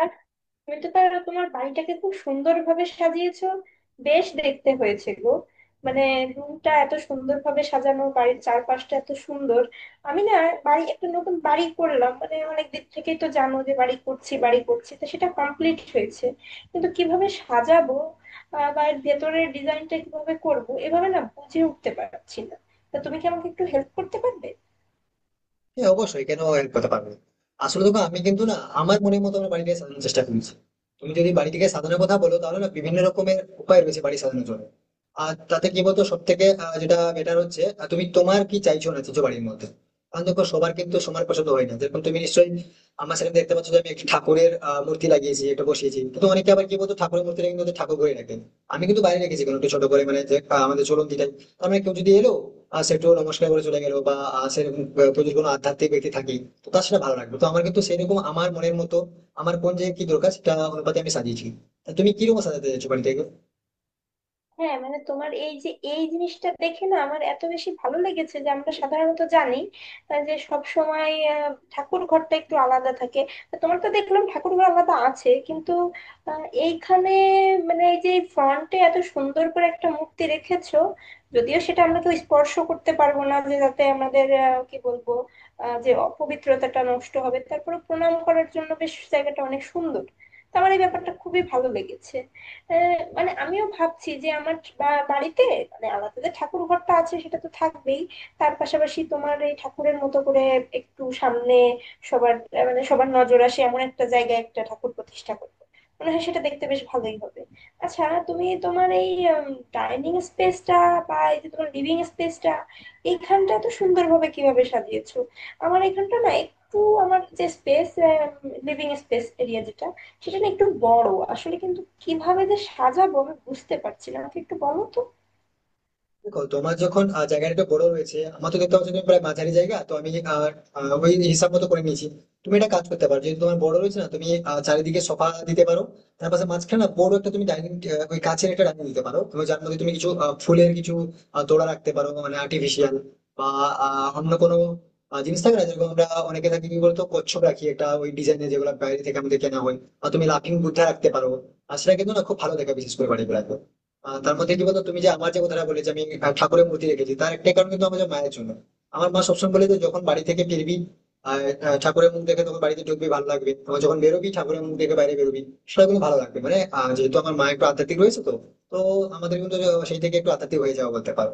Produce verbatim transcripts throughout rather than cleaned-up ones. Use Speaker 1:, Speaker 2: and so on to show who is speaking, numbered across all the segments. Speaker 1: আর তুমি তো তাহলে তোমার বাড়িটাকে খুব সুন্দরভাবে সাজিয়েছো, বেশ দেখতে হয়েছে গো। মানে রুমটা এত সুন্দরভাবে সাজানো, বাড়ির চারপাশটা এত সুন্দর। আমি না, বাড়ি একটা নতুন বাড়ি করলাম, মানে অনেক দিক থেকেই তো জানো যে বাড়ি করছি বাড়ি করছি, তো সেটা কমপ্লিট হয়েছে, কিন্তু কিভাবে সাজাবো আহ, বা এর ভেতরের ডিজাইনটা কিভাবে করব, এভাবে না বুঝে উঠতে পারছি না। তা তুমি কি আমাকে একটু হেল্প করতে পারবে?
Speaker 2: হ্যাঁ, অবশ্যই। কেন হেল্প করতে পারবে না? আসলে দেখো, আমি কিন্তু না আমার মনের মতো আমার বাড়িটাকে সাজানোর চেষ্টা করছি। তুমি যদি বাড়িটিকে সাজানোর কথা বলো তাহলে না, বিভিন্ন রকমের উপায় রয়েছে বাড়ি সাজানোর জন্য। আর তাতে কি বলতো, সব থেকে যেটা বেটার হচ্ছে, আহ, তুমি তোমার কি চাইছো না চাইছো বাড়ির মধ্যে। কারণ দেখো, সবার কিন্তু সমান পছন্দ হয় না। যেরকম তুমি নিশ্চয়ই আমার সামনে দেখতে পাচ্ছ যে আমি একটি ঠাকুরের আহ, মূর্তি লাগিয়েছি, একটা বসিয়েছি। কিন্তু অনেকে আবার কি বলতো, ঠাকুরের মূর্তিটা কিন্তু ওদের ঠাকুর ঘরে রাখেন। আমি কিন্তু বাইরে রেখেছি কোনো একটু ছোট করে, মানে যে, আহ, আমাদের চলন যেটা, তার মানে কেউ যদি এলো, আহ, সে একটু নমস্কার করে চলে গেলো। বা আহ, সেরকম আহ, কেউ যদি কোনো আধ্যাত্মিক ব্যক্তি থাকে তো তার সেটা ভালো লাগবে। তো আমার কিন্তু সেরকম আমার মনের মতো, আমার কোন জায়গায় কি দরকার সেটা অনুপাতে আমি সাজিয়েছি। তা তুমি কিরকম সাজাতে চাইছো বাড়িতে?
Speaker 1: হ্যাঁ, মানে তোমার এই যে এই জিনিসটা দেখে না আমার এত বেশি ভালো লেগেছে যে আমরা সাধারণত জানি আহ, যে সব সময় ঠাকুর ঘরটা একটু আলাদা থাকে। তো তোমার তো দেখলাম ঠাকুর ঘর আলাদা আছে, কিন্তু আহ, এইখানে মানে এই যে ফ্রন্টে এত সুন্দর করে একটা মূর্তি রেখেছো। যদিও সেটা আমরা কেউ স্পর্শ করতে পারবো না, যে যাতে আমাদের আহ, কি বলবো, আহ, যে অপবিত্রতাটা নষ্ট হবে। তারপরে প্রণাম করার জন্য বেশ জায়গাটা অনেক সুন্দর। তো আমার এই ব্যাপারটা খুবই ভালো লেগেছে। আহ, মানে আমিও ভাবছি যে আমার বা- বাড়িতে মানে আলাদা যে ঠাকুর ঘরটা আছে সেটা তো থাকবেই, তার পাশাপাশি তোমার এই ঠাকুরের মতো করে একটু সামনে সবার আহ, মানে সবার নজর আসে এমন একটা জায়গায় একটা ঠাকুর প্রতিষ্ঠা করবো। মনে হয় সেটা দেখতে বেশ ভালোই হবে। আচ্ছা, তুমি তোমার এই ডাইনিং স্পেসটা বা এই যে তোমার লিভিং স্পেসটা এইখানটা তো সুন্দরভাবে কিভাবে সাজিয়েছো। আমার এখানটা না একটু, আমার যে স্পেস, লিভিং স্পেস এরিয়া যেটা, সেটা না একটু বড় আসলে, কিন্তু কিভাবে যে সাজাবো আমি বুঝতে পারছি না, আমাকে একটু বলো তো।
Speaker 2: দেখো, তোমার যখন আহ, জায়গাটা একটু বড় রয়েছে, আমার তো দেখতে পাচ্ছ তুমি, প্রায় মাঝারি জায়গা। তো আমি আহ, আহ, ওই হিসাব মতো করে নিয়েছি। তুমি একটা কাজ করতে পারো, যেহেতু তোমার বড় রয়েছে না, তুমি আহ, চারিদিকে সোফা দিতে পারো। তার পাশে মাঝখানে না বড় একটা তুমি ডাইনিং, ওই কাছের একটা ডাইনিং দিতে পারো, তুমি যার মধ্যে তুমি কিছু আহ, ফুলের কিছু আহ, তোড়া রাখতে পারো, মানে আর্টিফিশিয়াল বা আহ, অন্য কোনো আহ, জিনিস থাকে না, যেরকম আমরা অনেকে থাকি কি বলতো, কচ্ছপ রাখি একটা ওই ডিজাইনের, যেগুলো বাইরে থেকে আমাদের কেনা হয়। আর তুমি লাফিং বুদ্ধা রাখতে পারো, আর সেটা কিন্তু না খুব ভালো দেখা বিশেষ করে বাড়ি বেড়াতে। আহ তার মধ্যে কি বলতো, তুমি যে আমার যে কথাটা বলে, যে আমি আহ, ঠাকুরের মূর্তি রেখেছি, তার একটা কারণ কিন্তু আমাদের মায়ের জন্য। আমার মা সবসময় বলে যে যখন বাড়ি থেকে ফিরবি আর আহ, ঠাকুরের মুখ দেখে তখন বাড়িতে ঢুকবি, ভালো লাগবে। তখন যখন বেরোবি ঠাকুরের মুখ দেখে বাইরে বেরোবি, সেটা কিন্তু ভালো লাগবে। মানে আহ, যেহেতু আমার মা একটু আধ্যাত্মিক রয়েছে, তো তো আমাদের কিন্তু সেই থেকে একটু আধ্যাত্মিক হয়ে যাওয়া বলতে পারো।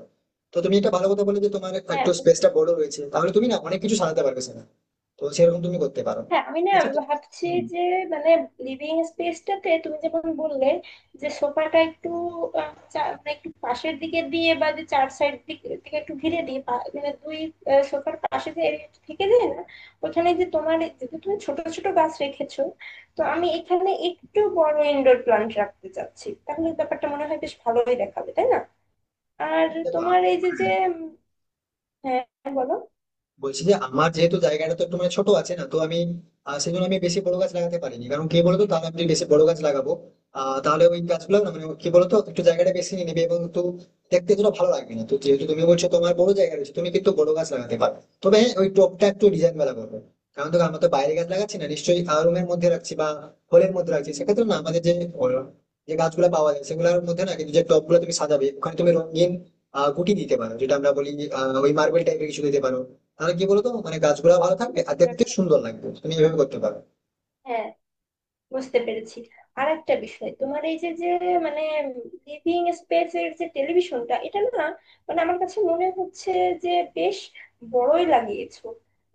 Speaker 2: তো তুমি একটা ভালো কথা বলে যে তোমার
Speaker 1: হ্যাঁ
Speaker 2: একটু
Speaker 1: বুঝতে,
Speaker 2: স্পেসটা বড় রয়েছে, তাহলে তুমি না অনেক কিছু সাজাতে পারবে সেখানে। তো সেরকম তুমি করতে পারো।
Speaker 1: হ্যাঁ আমি না
Speaker 2: আচ্ছা তো।
Speaker 1: ভাবছি
Speaker 2: হম।
Speaker 1: যে মানে লিভিং স্পেসটাতে তুমি যেমন বললে যে সোফাটা একটু আহ, চা- মানে একটু পাশের দিকে দিয়ে বা যে চার সাইড দিকে থেকে একটু ঘিরে দিয়ে পা- মানে দুই সোফার পাশে যে area টা থেকে যায় না, ওখানে, যে তোমার যেহেতু তুমি ছোট ছোট গাছ রেখেছো, তো আমি এখানে একটু বড় ইনডোর প্ল্যান্ট রাখতে চাচ্ছি, তাহলে ব্যাপারটা মনে হয় বেশ ভালোই দেখাবে, তাই না? আর
Speaker 2: দেখো আ-
Speaker 1: তোমার এই যে
Speaker 2: হ্যাঁ,
Speaker 1: যে উম, হ্যাঁ, বলো।
Speaker 2: বলছি যে আমার যেহেতু জায়গাটা তো একটু মানে ছোট আছে না, তো আমি আহ, সেই জন্য আমি বেশি বড় গাছ লাগাতে পারিনি। কারণ কি বলতো, তাহলে আমি যদি বেশি বড় গাছ লাগাবো আহ তাহলে ওই গাছগুলো না মানে কি বলতো একটু জায়গাটা বেশি নিয়ে নেবে এবং একটু দেখতে যেন ভালো লাগবে না। তো যেহেতু তুমি বলছো তোমার বড় জায়গা রয়েছে, তুমি কিন্তু বড় গাছ লাগাতে পারো। তবে হ্যাঁ, ওই টবটা একটু ডিজাইন বেলা করবে। কারণ দেখো, আমরা তো বাইরে গাছ লাগাচ্ছি না নিশ্চয়ই, রুমের মধ্যে রাখছি বা হলের মধ্যে রাখছি। সেক্ষেত্রে না আমাদের যে আহ, যে গাছগুলো পাওয়া যায়, সেগুলোর মধ্যে না, কিন্তু যে টব গুলো তুমি সাজাবে ওখানে তুমি রঙিন আহ গুটি দিতে পারো, যেটা আমরা বলি আহ ওই মার্বেল টাইপের কিছু দিতে পারো। তাহলে কি বলতো মানে গাছগুলা ভালো থাকবে আর দেখতে সুন্দর লাগবে, তুমি এভাবে করতে পারো।
Speaker 1: হ্যাঁ, বুঝতে পেরেছি। আর একটা বিষয়, তোমার এই যে যে মানে লিভিং স্পেস এর যে টেলিভিশনটা, এটা না মানে আমার কাছে মনে হচ্ছে যে বেশ বড়ই লাগিয়েছো।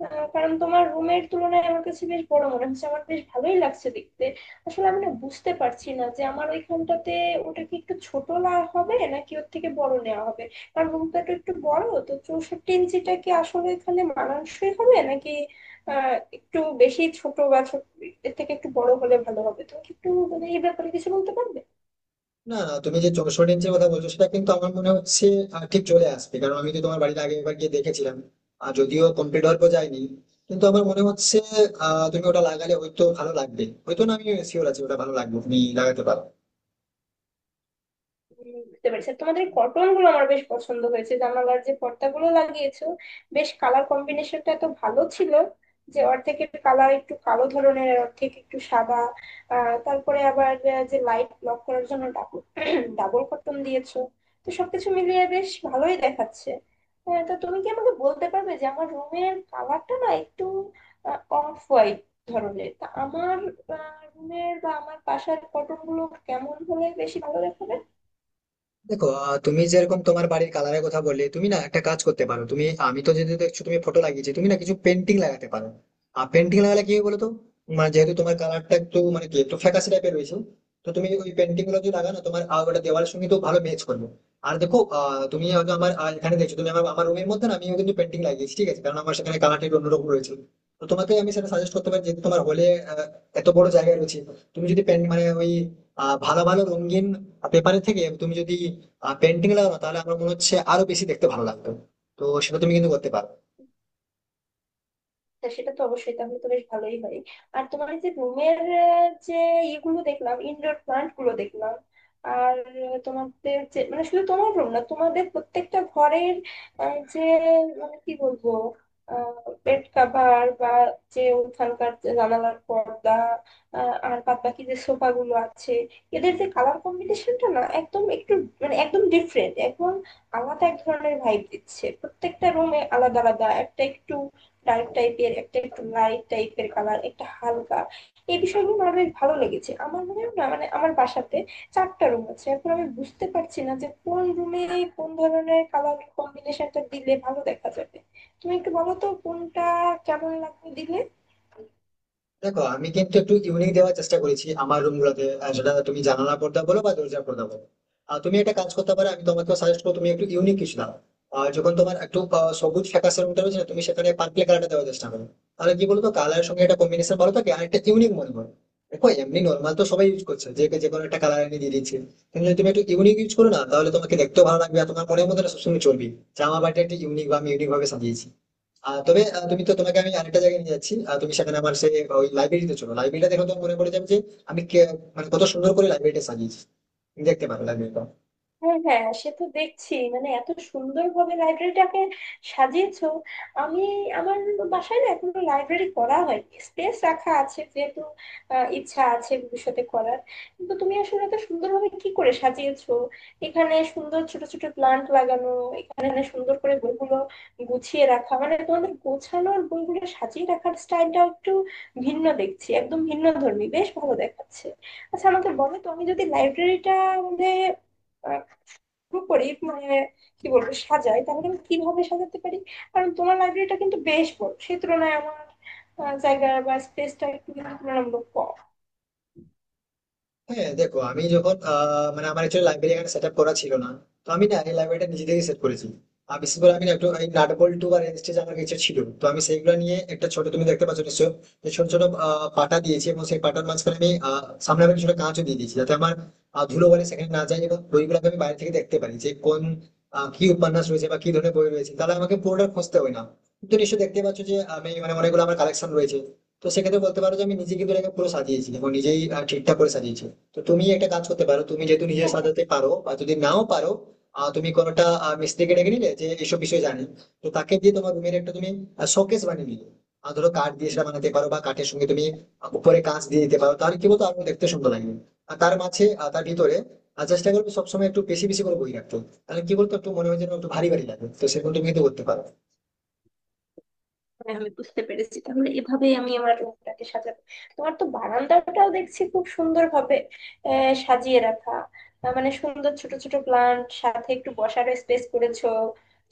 Speaker 1: আহ, কারণ তোমার রুমের তুলনায় আমার কাছে বেশ বড় মনে হচ্ছে, আমার বেশ ভালোই লাগছে দেখতে। আসলে আমি না বুঝতে পারছি না যে আমার ওইখানটাতে ওটা কি একটু ছোট না হবে নাকি ওর থেকে বড় নেওয়া হবে, কারণ রুমটা তো একটু বড়। তো চৌষট্টি ইঞ্চিটা কি আসলে এখানে মানানসই হবে নাকি আহ একটু বেশি ছোট, বা ছোট এর থেকে একটু বড় হলে ভালো হবে? তুমি কি একটু মানে এই ব্যাপারে কিছু বলতে পারবে?
Speaker 2: না না, তুমি যে চৌষট্টি ইঞ্চের কথা বলছো সেটা কিন্তু আমার মনে হচ্ছে আহ, ঠিক চলে আসবে। কারণ আমি তো তোমার বাড়িতে আগে একবার গিয়ে দেখেছিলাম, আর যদিও কমপ্লিট হওয়ার পর যায়নি, কিন্তু আমার মনে হচ্ছে আহ তুমি ওটা লাগালে হয়তো ভালো লাগবে। হয়তো না, আমি শিওর আছি ওটা ভালো লাগবে, তুমি লাগাতে পারো।
Speaker 1: উম, বুঝতে পেরেছি। আর তোমাদের কটন গুলো আমার বেশ পছন্দ হয়েছে, জানালার যে পর্দাগুলো লাগিয়েছো, বেশ কালার কম্বিনেশনটা এত ভালো ছিল, যে অর্ধেকের কালার একটু কালো ধরনের আর অর্ধেক একটু সাদা। আহ তারপরে আবার আহ, যে লাইট ব্লক করার জন্য ডাবল ডাবল কটন দিয়েছো, তো সবকিছু মিলিয়ে বেশ ভালোই দেখাচ্ছে। হ্যাঁ, তো তুমি কি আমাকে বলতে পারবে যে আমার রুমের কালারটা না একটু অফ হোয়াইট ধরনের, তা আমার রুমের বা আমার বাসার কটন গুলো কেমন হলে বেশি ভালো দেখাবে?
Speaker 2: দেখো আহ, তুমি যেরকম তোমার বাড়ির কালারের কথা বললে, তুমি না একটা কাজ করতে পারো। তুমি, আমি তো যেহেতু দেখছো তুমি ফটো লাগিয়েছি, তুমি না কিছু পেন্টিং লাগাতে পারো। আর পেন্টিং লাগালে কি হয় বলতো, মানে যেহেতু তোমার কালারটা একটু মানে কি একটু ফ্যাকাশে টাইপের রয়েছে, তো তুমি ওই পেন্টিং গুলো যদি লাগানো, তোমার আহ, ওটা দেওয়ালের সঙ্গে তো ভালো ম্যাচ করবে। আর দেখো আহ, তুমি হয়তো আমার আহ, এখানে দেখছো তুমি, আমার আমার রুমের মধ্যে না আমি কিন্তু পেন্টিং লাগিয়েছি, ঠিক আছে, কারণ আমার সেখানে কালারটা একটু অন্যরকম রয়েছে। তো তোমাকে আমি সেটা সাজেস্ট করতে পারি, যেহেতু তোমার হলে এত বড় জায়গা রয়েছে, তুমি যদি পেন মানে ওই আহ, ভালো ভালো রঙিন পেপারের থেকে তুমি যদি পেন্টিং লাগানো তাহলে আমার মনে হচ্ছে আরো বেশি দেখতে ভালো লাগতো। তো সেটা তুমি কিন্তু করতে পারো।
Speaker 1: তা সেটা তো অবশ্যই, তাহলে তো বেশ ভালোই হয়। আর তোমার এই যে রুমের যে ইগুলো দেখলাম, ইনডোর প্লান্ট গুলো দেখলাম। আর আহ, তোমাদের যে মানে শুধু তোমার রুম না, তোমাদের প্রত্যেকটা ঘরের আহ, যে মানে কি বলবো, বেড কাভার বা যে ওখানকার যে জানালার পর্দা আহ, আর বাদ বাকি যে সোফা গুলো আছে, এদের যে কালার কম্বিনেশনটা না একদম একটু মানে একদম ডিফারেন্ট, একদম আলাদা এক ধরনের ভাইব দিচ্ছে। প্রত্যেকটা রুমে আলাদা আলাদা, একটা একটু ডার্ক টাইপের, একটা একটু লাইট টাইপের কালার, একটা হালকা। এই বিষয়গুলো আমার বেশ ভালো লেগেছে। আমার মনে হয় না মানে আমার বাসাতে চারটা রুম আছে, এখন আমি বুঝতে পারছি না যে কোন রুমে কোন ধরনের কালার কম্বিনেশনটা দিলে ভালো দেখা যাবে। তুমি একটু বলো তো কোনটা কেমন লাগবে দিলে।
Speaker 2: দেখো, আমি কিন্তু একটু ইউনিক দেওয়ার চেষ্টা করেছি আমার রুম গুলোতে, আহ, সেটা তুমি জানালা পর্দা বলো বা দরজা পর্দা বলো। আর তুমি একটা কাজ করতে পারো, আমি তোমাকে সাজেস্ট করবো তুমি একটু ইউনিক কিছু দাও। আর যখন তোমার একটু আহ, সবুজ ফ্যাকাশে রুমটা রয়েছে না, তুমি সেখানে পার্পল কালারটা দেওয়ার চেষ্টা করো। তাহলে কি বলতো, কালারের সঙ্গে একটা কম্বিনেশন ভালো থাকে আর একটা ইউনিক মনে হয়। দেখো এমনি নর্মাল তো সবাই ইউজ করছে, যে যে কোনো একটা কালার এনে দিয়ে দিচ্ছে। কিন্তু যদি তুমি একটু ইউনিক ইউজ করো না, তাহলে তোমাকে দেখতেও ভালো লাগবে আর তোমার মনের মধ্যে না সবসময় চলবে যে আমার বাড়িটা একটা ইউনিক বা আমি ইউনিক ভাবে সাজিয়েছি। আহ, তবে আহ, তুমি তো, তোমাকে আমি আরেকটা জায়গায় নিয়ে যাচ্ছি। আহ, তুমি সেখানে আমার সেই ওই লাইব্রেরিতে চলো, লাইব্রেরিটা দেখো তো মনে পড়ে যাবে যে আমি কে- মানে কত সুন্দর করে লাইব্রেরিটা সাজিয়েছি। তুমি দেখতে পারো লাইব্রেরিটা।
Speaker 1: হ্যাঁ হ্যাঁ, সে তো দেখছি মানে এত সুন্দরভাবে লাইব্রেরিটাকে সাজিয়েছো। আমি আমার বাসায় না এখনো লাইব্রেরি করা হয়, স্পেস রাখা আছে যেহেতু, আহ, ইচ্ছা আছে ভবিষ্যতে করার। কিন্তু তুমি আসলে এত সুন্দরভাবে কি করে সাজিয়েছো, এখানে সুন্দর ছোট ছোট প্লান্ট লাগানো, এখানে সুন্দর করে বইগুলো গুছিয়ে রাখা। মানে তোমাদের গোছানোর বইগুলো সাজিয়ে রাখার স্টাইলটাও একটু ভিন্ন দেখছি, একদম ভিন্ন ধর্মী, বেশ ভালো দেখাচ্ছে। আচ্ছা, আমাকে বলো তো, আমি যদি লাইব্রেরিটা মানে করি, মানে কি বলবো, সাজাই, তাহলে আমি কিভাবে সাজাতে পারি? কারণ তোমার লাইব্রেরিটা কিন্তু বেশ বড়, সেই তুলনায় আমার আহ, জায়গা বা স্পেসটা একটু কিন্তু তুলনামূলক কম।
Speaker 2: হ্যাঁ দেখো, আমি যখন আহ, মানে আমার একচুয়ালি লাইব্রেরি এখানে সেট আপ করা ছিল না। তো আমি না এই লাইব্রেরিটা নিজে থেকে সেট করেছি। আর বিশেষ করে আমি না একটু এই নাট বল্টু বা রেঞ্জ আমার কাছে ছিল, তো আমি সেইগুলো নিয়ে একটা ছোট, তুমি দেখতে পাচ্ছ নিশ্চয়, যে ছোট ছোট আহ, পাটা দিয়েছি। এবং সেই পাটার মাঝখানে আমি আহ, সামনে আমি ছোট কাঁচও দিয়ে দিয়েছি যাতে আমার আহ, ধুলো বলে সেখানে না যায় এবং বইগুলোকে আমি বাইরে থেকে দেখতে পারি যে কোন আহ, কি উপন্যাস রয়েছে বা কি ধরনের বই রয়েছে, তাহলে আমাকে পুরোটা খুঁজতে হয় না। তুমি তো নিশ্চয়ই দেখতে পাচ্ছ যে আমি মানে অনেকগুলো আমার কালেকশন রয়েছে। তো সেক্ষেত্রে বলতে পারো যে আমি নিজে কিন্তু এটাকে পুরো সাজিয়েছি এবং নিজেই আহ, ঠিকঠাক করে সাজিয়েছি। তো তুমি একটা কাজ করতে পারো, তুমি যেহেতু নিজে
Speaker 1: হ্যাঁ।
Speaker 2: সাজাতে পারো বা যদি নাও পারো আহ, তুমি কোনোটা আহ, মিস্ত্রিকে ডেকে নিলে যে এইসব বিষয় জানে, তো তাকে দিয়ে তোমার রুমের একটা তুমি শোকেস বানিয়ে নিলে। আর ধরো কাঠ দিয়ে সেটা বানাতে পারো বা কাঠের সঙ্গে তুমি আহ, উপরে কাঁচ দিয়ে দিতে পারো, তাহলে কি বলতো আরো দেখতে সুন্দর লাগবে। আর তার মাঝে আহ, তার ভিতরে আর চেষ্টা করবে সবসময় একটু বেশি বেশি করে বই রাখতো। তাহলে কি বলতো একটু মনে হয় যেন একটু ভারী ভারী লাগে, তো সেরকম তুমি কিন্তু করতে পারো।
Speaker 1: হ্যাঁ, আমি বুঝতে পেরেছি, তাহলে এভাবেই আমি আমার রুমটাকে সাজাবো। তোমার তো বারান্দাটাও দেখছি খুব সুন্দর ভাবে সাজিয়ে রাখা। আহ, মানে সুন্দর ছোট ছোট প্লান্ট, সাথে একটু বসার স্পেস করেছো,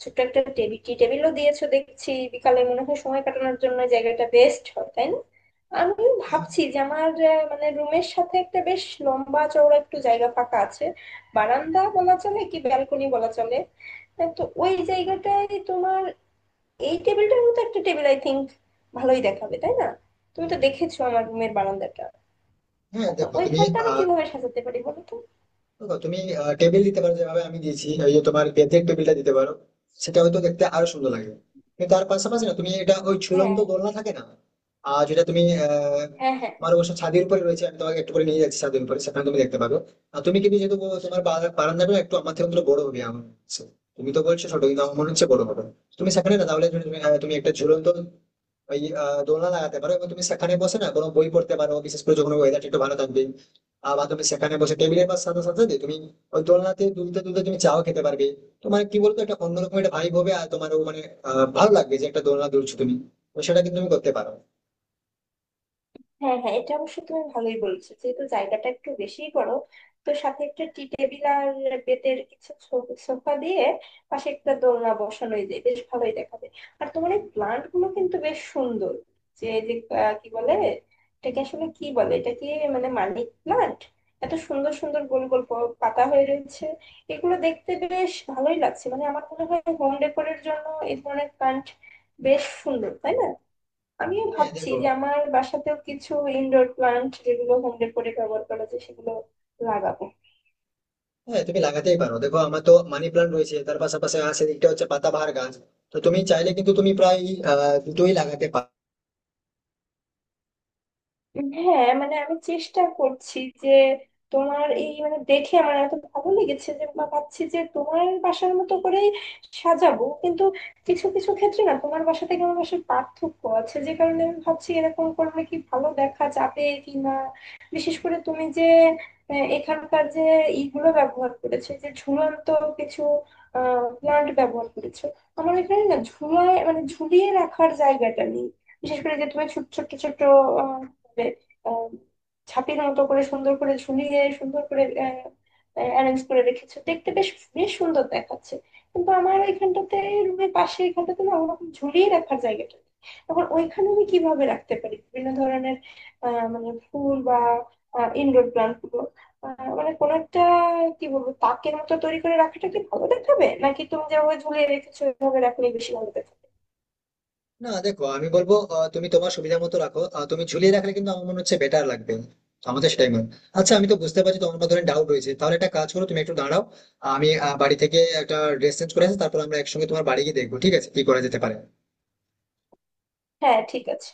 Speaker 1: ছোট্ট একটা টেবিল, টি টেবিলও দিয়েছো দেখছি। বিকালে মনে হয় সময় কাটানোর জন্য এই জায়গাটা বেস্ট হয়, তাই না? আমি
Speaker 2: হ্যাঁ
Speaker 1: ভাবছি যে আমার আহ, মানে রুমের সাথে একটা বেশ লম্বা চওড়া একটু জায়গা ফাঁকা আছে, বারান্দা বলা চলে কি ব্যালকনি বলা চলে। আহ, তো ওই জায়গাটায় তোমার এই টেবিলটার মতো একটা টেবিল আই থিংক ভালোই দেখাবে, তাই না? তুমি তো দেখেছো আমার রুমের বারান্দাটা,
Speaker 2: হ্যাঁ,
Speaker 1: তো
Speaker 2: দেখো তুমি
Speaker 1: ওইখানটা আমি
Speaker 2: আহ
Speaker 1: কিভাবে সাজাতে পারি বলো তো।
Speaker 2: দেখো তুমি টেবিল দিতে পারো যেভাবে আমি দিয়েছি, ওই যে তোমার বেতের টেবিলটা দিতে পারো, সেটা হয়তো দেখতে আরো সুন্দর লাগে। কিন্তু তার পাশাপাশি না, তুমি এটা ওই ঝুলন্ত
Speaker 1: হ্যাঁ
Speaker 2: দোলনা থাকে না, আর যেটা তুমি আহ
Speaker 1: হ্যাঁ হ্যাঁ
Speaker 2: তোমার অবশ্য ছাদের উপরে রয়েছে, আমি তোমাকে একটু করে নিয়ে যাচ্ছি ছাদের উপরে, সেখানে তুমি দেখতে পাবে। আর তুমি কিন্তু যেহেতু বলো তোমার বা- বারান্দাটা একটু আমার থেকে অন্তত বড় হবে আমার মনে হচ্ছে। তুমি তো বলছো ছোট, কিন্তু আমার মনে হচ্ছে বড় হবে। তুমি সেখানে না তাহলে তুমি আহ, তুমি একটা ঝুলন্ত ওই আহ, দোলনা লাগাতে পারো এবং তুমি সেখানে বসে না কোনো বই পড়তে পারো, বিশেষ করে যখন ওয়েদারটা একটু ভালো থাকবে। আহ, বা তুমি সেখানে বসে টেবিলের বা সাথে সাথে তুমি ওই দোলনাতে দুলতে দুলতে তুমি চাও খেতে পারবে। তো মানে কি বলতো একটা অন্যরকম একটা ভাইব হবে, আর তোমারও মানে আহ, ভালো লাগবে যে একটা দোলনা দুলছো তুমি। তো সেটা কিন্তু তুমি করতে পারো।
Speaker 1: হ্যাঁ হ্যাঁ, এটা অবশ্য তুমি ভালোই বলেছো, যেহেতু জায়গাটা একটু বেশিই বড়, তো সাথে একটা টি টেবিল আর বেতের কিছু সো- সোফা দিয়ে পাশে একটা দোলনা বসানোই যায়, বেশ ভালোই দেখাবে। আর তোমার এই প্লান্ট গুলো কিন্তু বেশ সুন্দর, যে এই যে আহ, কি বলে এটাকে, আসলে কি বলে এটা কি মানে, মানি প্লান্ট। এত সুন্দর সুন্দর গোল গোল প- পাতা হয়ে রয়েছে, এগুলো দেখতে বেশ ভালোই লাগছে। মানে আমার মনে হয় হোম ডেকোরের জন্য এই ধরনের প্লান্ট বেশ সুন্দর, তাই না? আমিও
Speaker 2: হ্যাঁ
Speaker 1: ভাবছি
Speaker 2: দেখো,
Speaker 1: যে আমার বাসাতেও কিছু ইনডোর প্লান্ট, যেগুলো হোম ডেকোরে ব্যবহার করা যায়, সেগুলো লাগাবো।
Speaker 2: হ্যাঁ তুমি লাগাতেই পারো। দেখো, আমার তো মানি প্লান্ট রয়েছে, তার পাশাপাশি আর সেদিকটা হচ্ছে পাতাবাহার গাছ। তো তুমি চাইলে কিন্তু তুমি প্রায় আহ দুটোই লাগাতে।
Speaker 1: হ্যাঁ মানে আমি চেষ্টা করছি যে, তোমার এই মানে দেখে আমার এত ভালো লেগেছে যে বা ভাবছি যে তোমার বাসার মতো করেই সাজাবো। কিন্তু কিছু কিছু ক্ষেত্রে না তোমার বাসা থেকে আমার বাসার পার্থক্য আছে, যে কারণে আমি ভাবছি এরকম করলে কি ভালো দেখা যাবে কি না। বিশেষ করে তুমি যে আহ, এখানকার যে ইগুলো ব্যবহার করেছো, যে ঝুলন্ত কিছু আহ প্লান্ট ব্যবহার করেছো। আমার এখানে না ঝুলায় মানে ঝুলিয়ে রাখার জায়গাটা নেই। বিশেষ করে যে তুমি ছোট ছোট ছোট করে আহ, ছাপির মতো করে সুন্দর করে ঝুলিয়ে সুন্দর করে অ্যারেঞ্জ করে রেখেছে দেখতে বেশ বেশ সুন্দর দেখাচ্ছে। কিন্তু আমার ওইখানটাতে রুমের পাশে এখানটাতে না ওরকম ঝুলিয়ে রাখার জায়গাটা নেই। এখন ওইখানে আমি কিভাবে রাখতে পারি বিভিন্ন ধরনের আহ, মানে ফুল বা ইনডোর প্লান্ট গুলো, আহ, মানে কোন একটা কি বলবো তাকের মতো তৈরি করে রাখাটা কি ভালো দেখাবে, নাকি তুমি যেভাবে ঝুলিয়ে রেখেছো ওইভাবে রাখলে বেশি ভালো দেখাবে?
Speaker 2: না দেখো, আমি বলবো আহ, তুমি তোমার সুবিধা মতো রাখো। আহ, তুমি ঝুলিয়ে রাখলে কিন্তু আমার মনে হচ্ছে বেটার লাগবে, তো আমাদের সেটাই মনে হয়। আচ্ছা আমি তো বুঝতে পারছি তোমার মধ্যে ডাউট রয়েছে, তাহলে একটা কাজ করো, তুমি একটু দাঁড়াও। আমি আহ, বাড়ি থেকে একটা ড্রেস চেঞ্জ করে আসি, তারপর আমরা একসঙ্গে তোমার বাড়ি গিয়ে দেখবো ঠিক আছে কি করা যেতে পারে।
Speaker 1: হ্যাঁ ঠিক আছে।